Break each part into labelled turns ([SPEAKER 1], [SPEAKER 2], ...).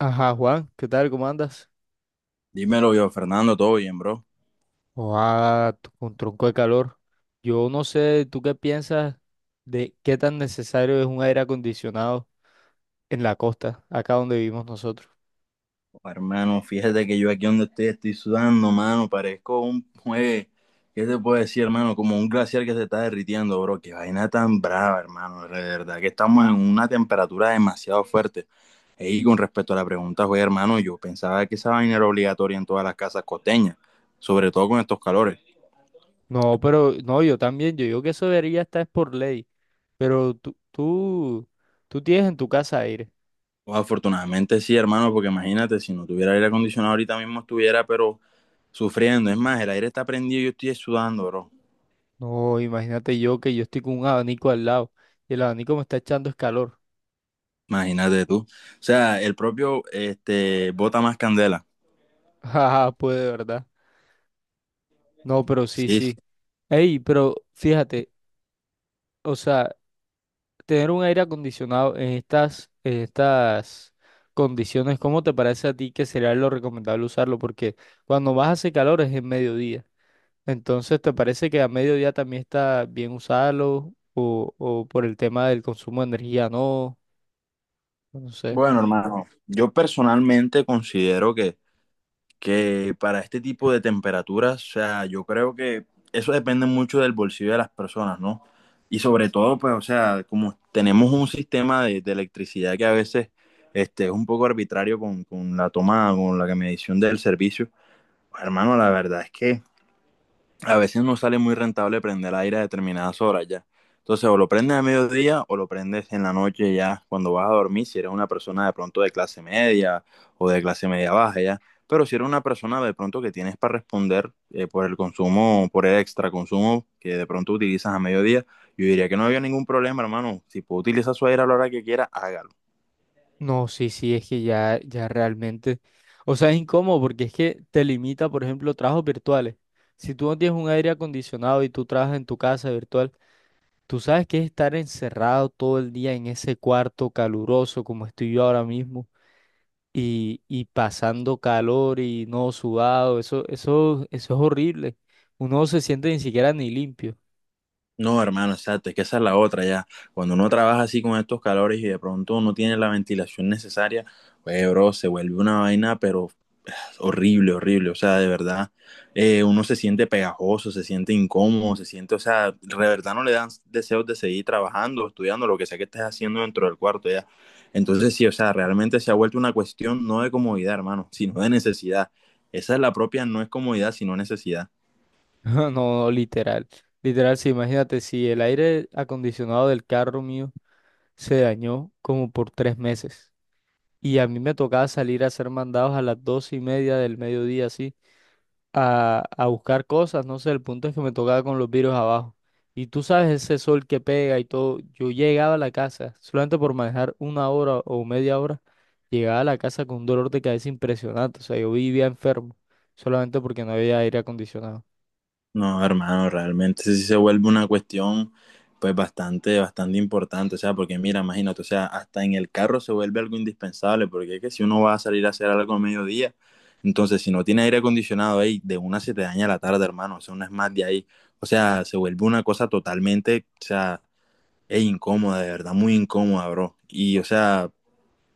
[SPEAKER 1] Ajá, Juan, ¿qué tal? ¿Cómo andas?
[SPEAKER 2] Dímelo yo, Fernando, todo bien, bro.
[SPEAKER 1] Oa, con tronco de calor. Yo no sé, ¿tú qué piensas de qué tan necesario es un aire acondicionado en la costa, acá donde vivimos nosotros?
[SPEAKER 2] Oh, hermano, fíjate que yo aquí donde estoy sudando, mano. Parezco un juez. ¿Qué te puedo decir, hermano? Como un glaciar que se está derritiendo, bro. Qué vaina tan brava, hermano. De verdad que estamos en una temperatura demasiado fuerte. Y con respecto a la pregunta, güey, hermano, yo pensaba que esa vaina era obligatoria en todas las casas costeñas, sobre todo con estos calores.
[SPEAKER 1] No, pero no, yo también, yo digo que eso debería estar por ley, pero tú tienes en tu casa aire.
[SPEAKER 2] Pues, afortunadamente sí, hermano, porque imagínate, si no tuviera aire acondicionado ahorita mismo estuviera, pero sufriendo. Es más, el aire está prendido y yo estoy sudando, bro.
[SPEAKER 1] No, imagínate yo que yo estoy con un abanico al lado y el abanico me está echando es calor.
[SPEAKER 2] Imagínate tú. O sea, el propio bota más candela.
[SPEAKER 1] Ajá, pues de verdad. No, pero sí,
[SPEAKER 2] Sí, sí.
[SPEAKER 1] sí. Ey, pero fíjate. O sea, Tener un aire acondicionado en estas condiciones, ¿cómo te parece a ti que sería lo recomendable usarlo? Porque cuando más hace calor es en mediodía. Entonces, ¿te parece que a mediodía también está bien usarlo? O por el tema del consumo de energía, no, no sé.
[SPEAKER 2] Bueno, hermano, yo personalmente considero que para este tipo de temperaturas, o sea, yo creo que eso depende mucho del bolsillo de las personas, ¿no? Y sobre todo, pues, o sea, como tenemos un sistema de electricidad que a veces es un poco arbitrario con la toma, con la medición del servicio, pues, hermano, la verdad es que a veces no sale muy rentable prender aire a determinadas horas ya. Entonces, o lo prendes a mediodía o lo prendes en la noche ya, cuando vas a dormir, si eres una persona de pronto de clase media o de clase media baja ya. Pero si eres una persona de pronto que tienes para responder por el consumo, por el extra consumo que de pronto utilizas a mediodía, yo diría que no había ningún problema, hermano. Si puede utilizar su aire a la hora que quiera, hágalo.
[SPEAKER 1] No, sí, sí, es que ya realmente. O sea, es incómodo porque es que te limita, por ejemplo, trabajos virtuales. Si tú no tienes un aire acondicionado y tú trabajas en tu casa virtual, tú sabes que es estar encerrado todo el día en ese cuarto caluroso como estoy yo ahora mismo y pasando calor y no sudado, eso es horrible. Uno no se siente ni siquiera ni limpio.
[SPEAKER 2] No, hermano, exacto, es que esa es la otra ya. Cuando uno trabaja así con estos calores y de pronto no tiene la ventilación necesaria, pues, bro, se vuelve una vaina, pero horrible, horrible. O sea, de verdad, uno se siente pegajoso, se siente incómodo, se siente, o sea, de verdad no le dan deseos de seguir trabajando, estudiando, lo que sea que estés haciendo dentro del cuarto ya. Entonces, sí, o sea, realmente se ha vuelto una cuestión no de comodidad, hermano, sino de necesidad. Esa es la propia, no es comodidad, sino necesidad.
[SPEAKER 1] No, no, literal. Literal, sí, imagínate si el aire acondicionado del carro mío se dañó como por 3 meses y a mí me tocaba salir a hacer mandados a las 12 y media del mediodía, así a buscar cosas, no sé, el punto es que me tocaba con los virus abajo. Y tú sabes ese sol que pega y todo. Yo llegaba a la casa, solamente por manejar 1 hora o media hora, llegaba a la casa con un dolor de cabeza impresionante. O sea, yo vivía enfermo, solamente porque no había aire acondicionado.
[SPEAKER 2] No, hermano, realmente sí se vuelve una cuestión pues bastante, bastante importante, o sea, porque mira, imagínate, o sea, hasta en el carro se vuelve algo indispensable, porque es que si uno va a salir a hacer algo a mediodía, entonces si no tiene aire acondicionado ahí, de una se te daña la tarde, hermano, o sea, una es más de ahí, o sea, se vuelve una cosa totalmente, o sea, es incómoda, de verdad, muy incómoda, bro, y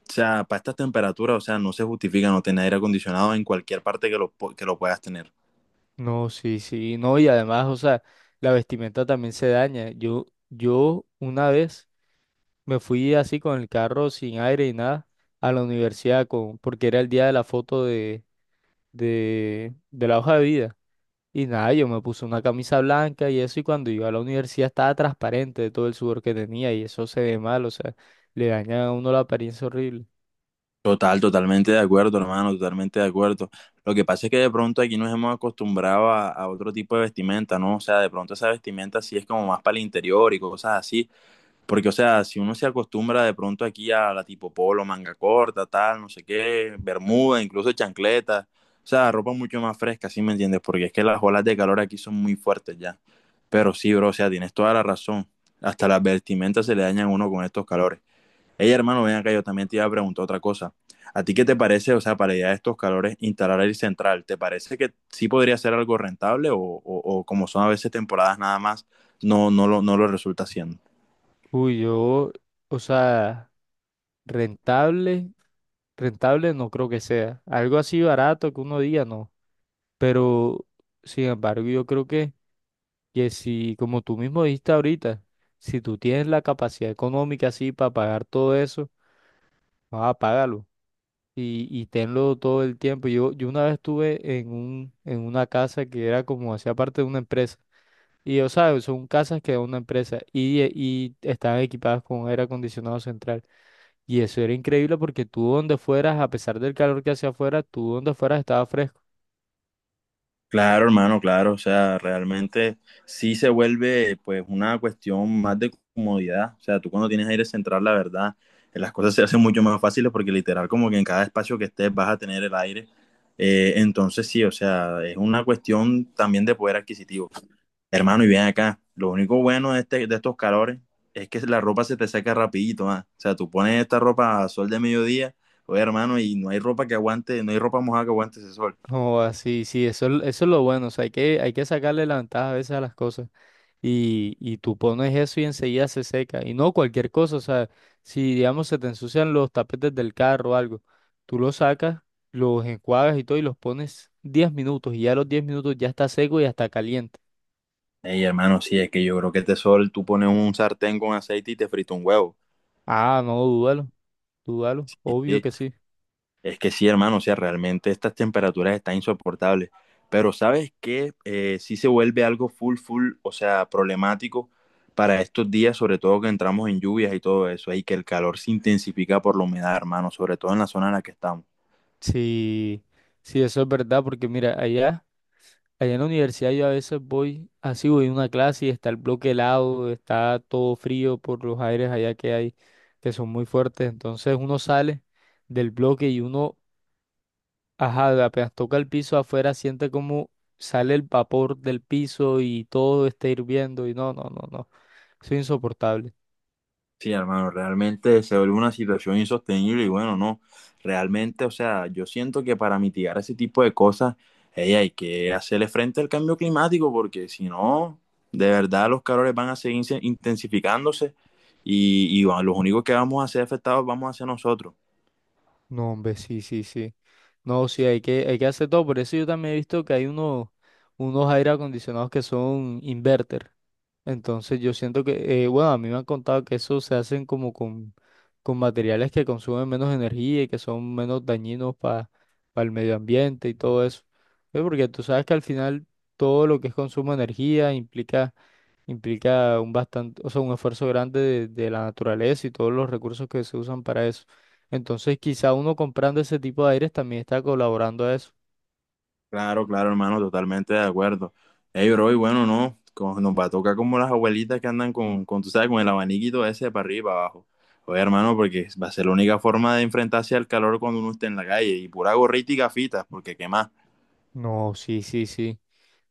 [SPEAKER 2] o sea, para estas temperaturas, o sea, no se justifica no tener aire acondicionado en cualquier parte que que lo puedas tener.
[SPEAKER 1] No, sí, sí, no, y además, o sea, la vestimenta también se daña. Yo una vez me fui así con el carro sin aire y nada a la universidad con, porque era el día de la foto de de la hoja de vida. Y nada, yo me puse una camisa blanca y eso, y cuando iba a la universidad estaba transparente de todo el sudor que tenía, y eso se ve mal, o sea, le daña a uno la apariencia horrible.
[SPEAKER 2] Total, totalmente de acuerdo, hermano, totalmente de acuerdo. Lo que pasa es que de pronto aquí nos hemos acostumbrado a otro tipo de vestimenta, ¿no? O sea, de pronto esa vestimenta sí es como más para el interior y cosas así, porque, o sea, si uno se acostumbra de pronto aquí a la tipo polo, manga corta, tal, no sé qué, bermuda, incluso chancleta, o sea, ropa mucho más fresca, ¿sí me entiendes? Porque es que las olas de calor aquí son muy fuertes ya. Pero sí, bro, o sea, tienes toda la razón. Hasta las vestimentas se le dañan a uno con estos calores. Ey, hermano, ven acá, yo también te iba a preguntar otra cosa. ¿A ti qué te parece, o sea, para ya estos calores, instalar el central? ¿Te parece que sí podría ser algo rentable o como son a veces temporadas nada más, no, no lo resulta siendo?
[SPEAKER 1] Uy, yo, o sea, rentable, rentable no creo que sea. Algo así barato que uno diga, no. Pero, sin embargo, yo creo que si, como tú mismo dijiste ahorita, si tú tienes la capacidad económica así para pagar todo eso, no, y tenlo todo el tiempo. Yo una vez estuve en una casa que era como hacía parte de una empresa. Y o sea, son casas que da una empresa y estaban equipadas con aire acondicionado central. Y eso era increíble porque tú donde fueras, a pesar del calor que hacía afuera, tú donde fueras estaba fresco.
[SPEAKER 2] Claro, hermano, claro, o sea, realmente sí se vuelve pues una cuestión más de comodidad, o sea, tú cuando tienes aire central, la verdad, las cosas se hacen mucho más fáciles porque literal como que en cada espacio que estés vas a tener el aire. Entonces sí, o sea, es una cuestión también de poder adquisitivo. Hermano, y bien acá. Lo único bueno de estos calores es que la ropa se te seca rapidito, ah. O sea, tú pones esta ropa a sol de mediodía, oye, hermano, y no hay ropa que aguante, no hay ropa mojada que aguante ese sol.
[SPEAKER 1] Oh así, sí, eso, eso es lo bueno. O sea, hay que sacarle la ventaja a veces a las cosas. Y tú pones eso y enseguida se seca. Y no cualquier cosa, o sea, si digamos se te ensucian los tapetes del carro o algo, tú los sacas, los enjuagas y todo y los pones 10 minutos y ya a los 10 minutos ya está seco y hasta caliente.
[SPEAKER 2] Ey, hermano, sí, es que yo creo que este sol, tú pones un sartén con aceite y te frita un huevo.
[SPEAKER 1] Ah, no, dúdalo, dúdalo,
[SPEAKER 2] Sí,
[SPEAKER 1] obvio
[SPEAKER 2] sí.
[SPEAKER 1] que sí.
[SPEAKER 2] Es que sí, hermano, o sea, realmente estas temperaturas están insoportables. Pero ¿sabes qué? Sí se vuelve algo full, full, o sea, problemático para estos días, sobre todo que entramos en lluvias y todo eso, y que el calor se intensifica por la humedad, hermano, sobre todo en la zona en la que estamos.
[SPEAKER 1] Sí, sí, eso es verdad, porque mira, allá. Allá en la universidad yo a veces voy, así voy a una clase y está el bloque helado, está todo frío por los aires allá que hay, que son muy fuertes. Entonces uno sale del bloque y uno, ajá, apenas toca el piso afuera, siente como sale el vapor del piso y todo está hirviendo y no, eso es insoportable.
[SPEAKER 2] Sí, hermano, realmente se vuelve una situación insostenible y bueno, no, realmente, o sea, yo siento que para mitigar ese tipo de cosas, ey, hay que hacerle frente al cambio climático porque si no, de verdad los calores van a seguir intensificándose y bueno, los únicos que vamos a ser afectados vamos a ser nosotros.
[SPEAKER 1] No, hombre, sí, sí, sí. No, sí, hay que hacer todo. Por eso yo también he visto que hay unos, unos aire acondicionados que son inverter. Entonces yo siento que, bueno, a mí me han contado que eso se hacen como con materiales que consumen menos energía y que son menos dañinos para el medio ambiente y todo eso. Porque tú sabes que al final todo lo que es consumo de energía implica, implica un bastante, o sea, un esfuerzo grande de la naturaleza y todos los recursos que se usan para eso. Entonces quizá uno comprando ese tipo de aires también está colaborando a eso.
[SPEAKER 2] Claro, claro, hermano, totalmente de acuerdo. Ey, bro, y bueno, no, nos va a tocar como las abuelitas que andan tú sabes, con el abaniquito ese para arriba y para abajo. Oye, hermano, porque va a ser la única forma de enfrentarse al calor cuando uno esté en la calle, y pura gorrita y gafitas, porque qué más.
[SPEAKER 1] No, sí, sí, sí.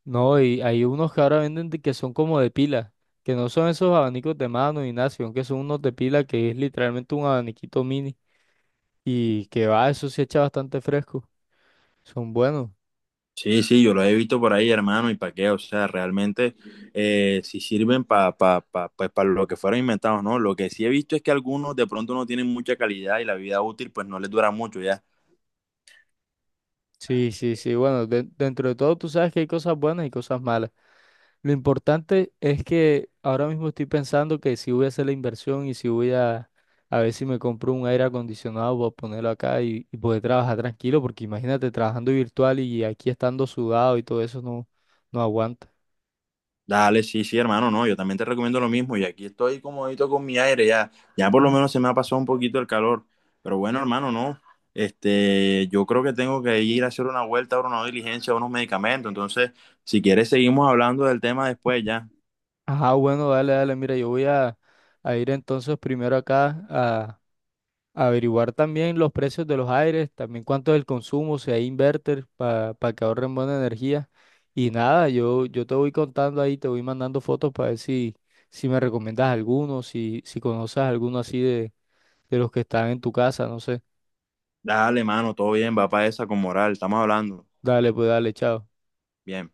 [SPEAKER 1] No, y hay unos que ahora venden que son como de pila, que no son esos abanicos de mano, Ignacio, aunque son unos de pila que es literalmente un abaniquito mini y que va, eso se echa bastante fresco. Son buenos.
[SPEAKER 2] Sí, sí, yo lo he visto por ahí, hermano, y para qué, o sea, realmente sí sirven para pues, para lo que fueron inventados, ¿no? Lo que sí he visto es que algunos de pronto no tienen mucha calidad y la vida útil pues no les dura mucho, ya.
[SPEAKER 1] Sí, sí, sí, bueno, dentro de todo tú sabes que hay cosas buenas y cosas malas. Lo importante es que ahora mismo estoy pensando que si voy a hacer la inversión y si a ver si me compro un aire acondicionado para ponerlo acá y poder trabajar tranquilo, porque imagínate trabajando virtual y aquí estando sudado y todo eso no, no aguanta.
[SPEAKER 2] Dale, sí, sí, hermano, no, yo también te recomiendo lo mismo y aquí estoy comodito con mi aire, ya, ya por lo menos se me ha pasado un poquito el calor, pero bueno, hermano, no, yo creo que tengo que ir a hacer una vuelta, ahora una diligencia, unos medicamentos, entonces, si quieres seguimos hablando del tema después, ya,
[SPEAKER 1] Ajá, bueno, dale, dale, mira, a ir entonces primero a averiguar también los precios de los aires, también cuánto es el consumo, si hay inverter para que ahorren buena energía. Y nada, yo te voy contando ahí, te voy mandando fotos para ver si, si me recomiendas alguno, si, si conoces alguno así de los que están en tu casa, no sé.
[SPEAKER 2] dale, hermano, todo bien, va para esa con moral, estamos hablando,
[SPEAKER 1] Dale, pues dale, chao.
[SPEAKER 2] bien.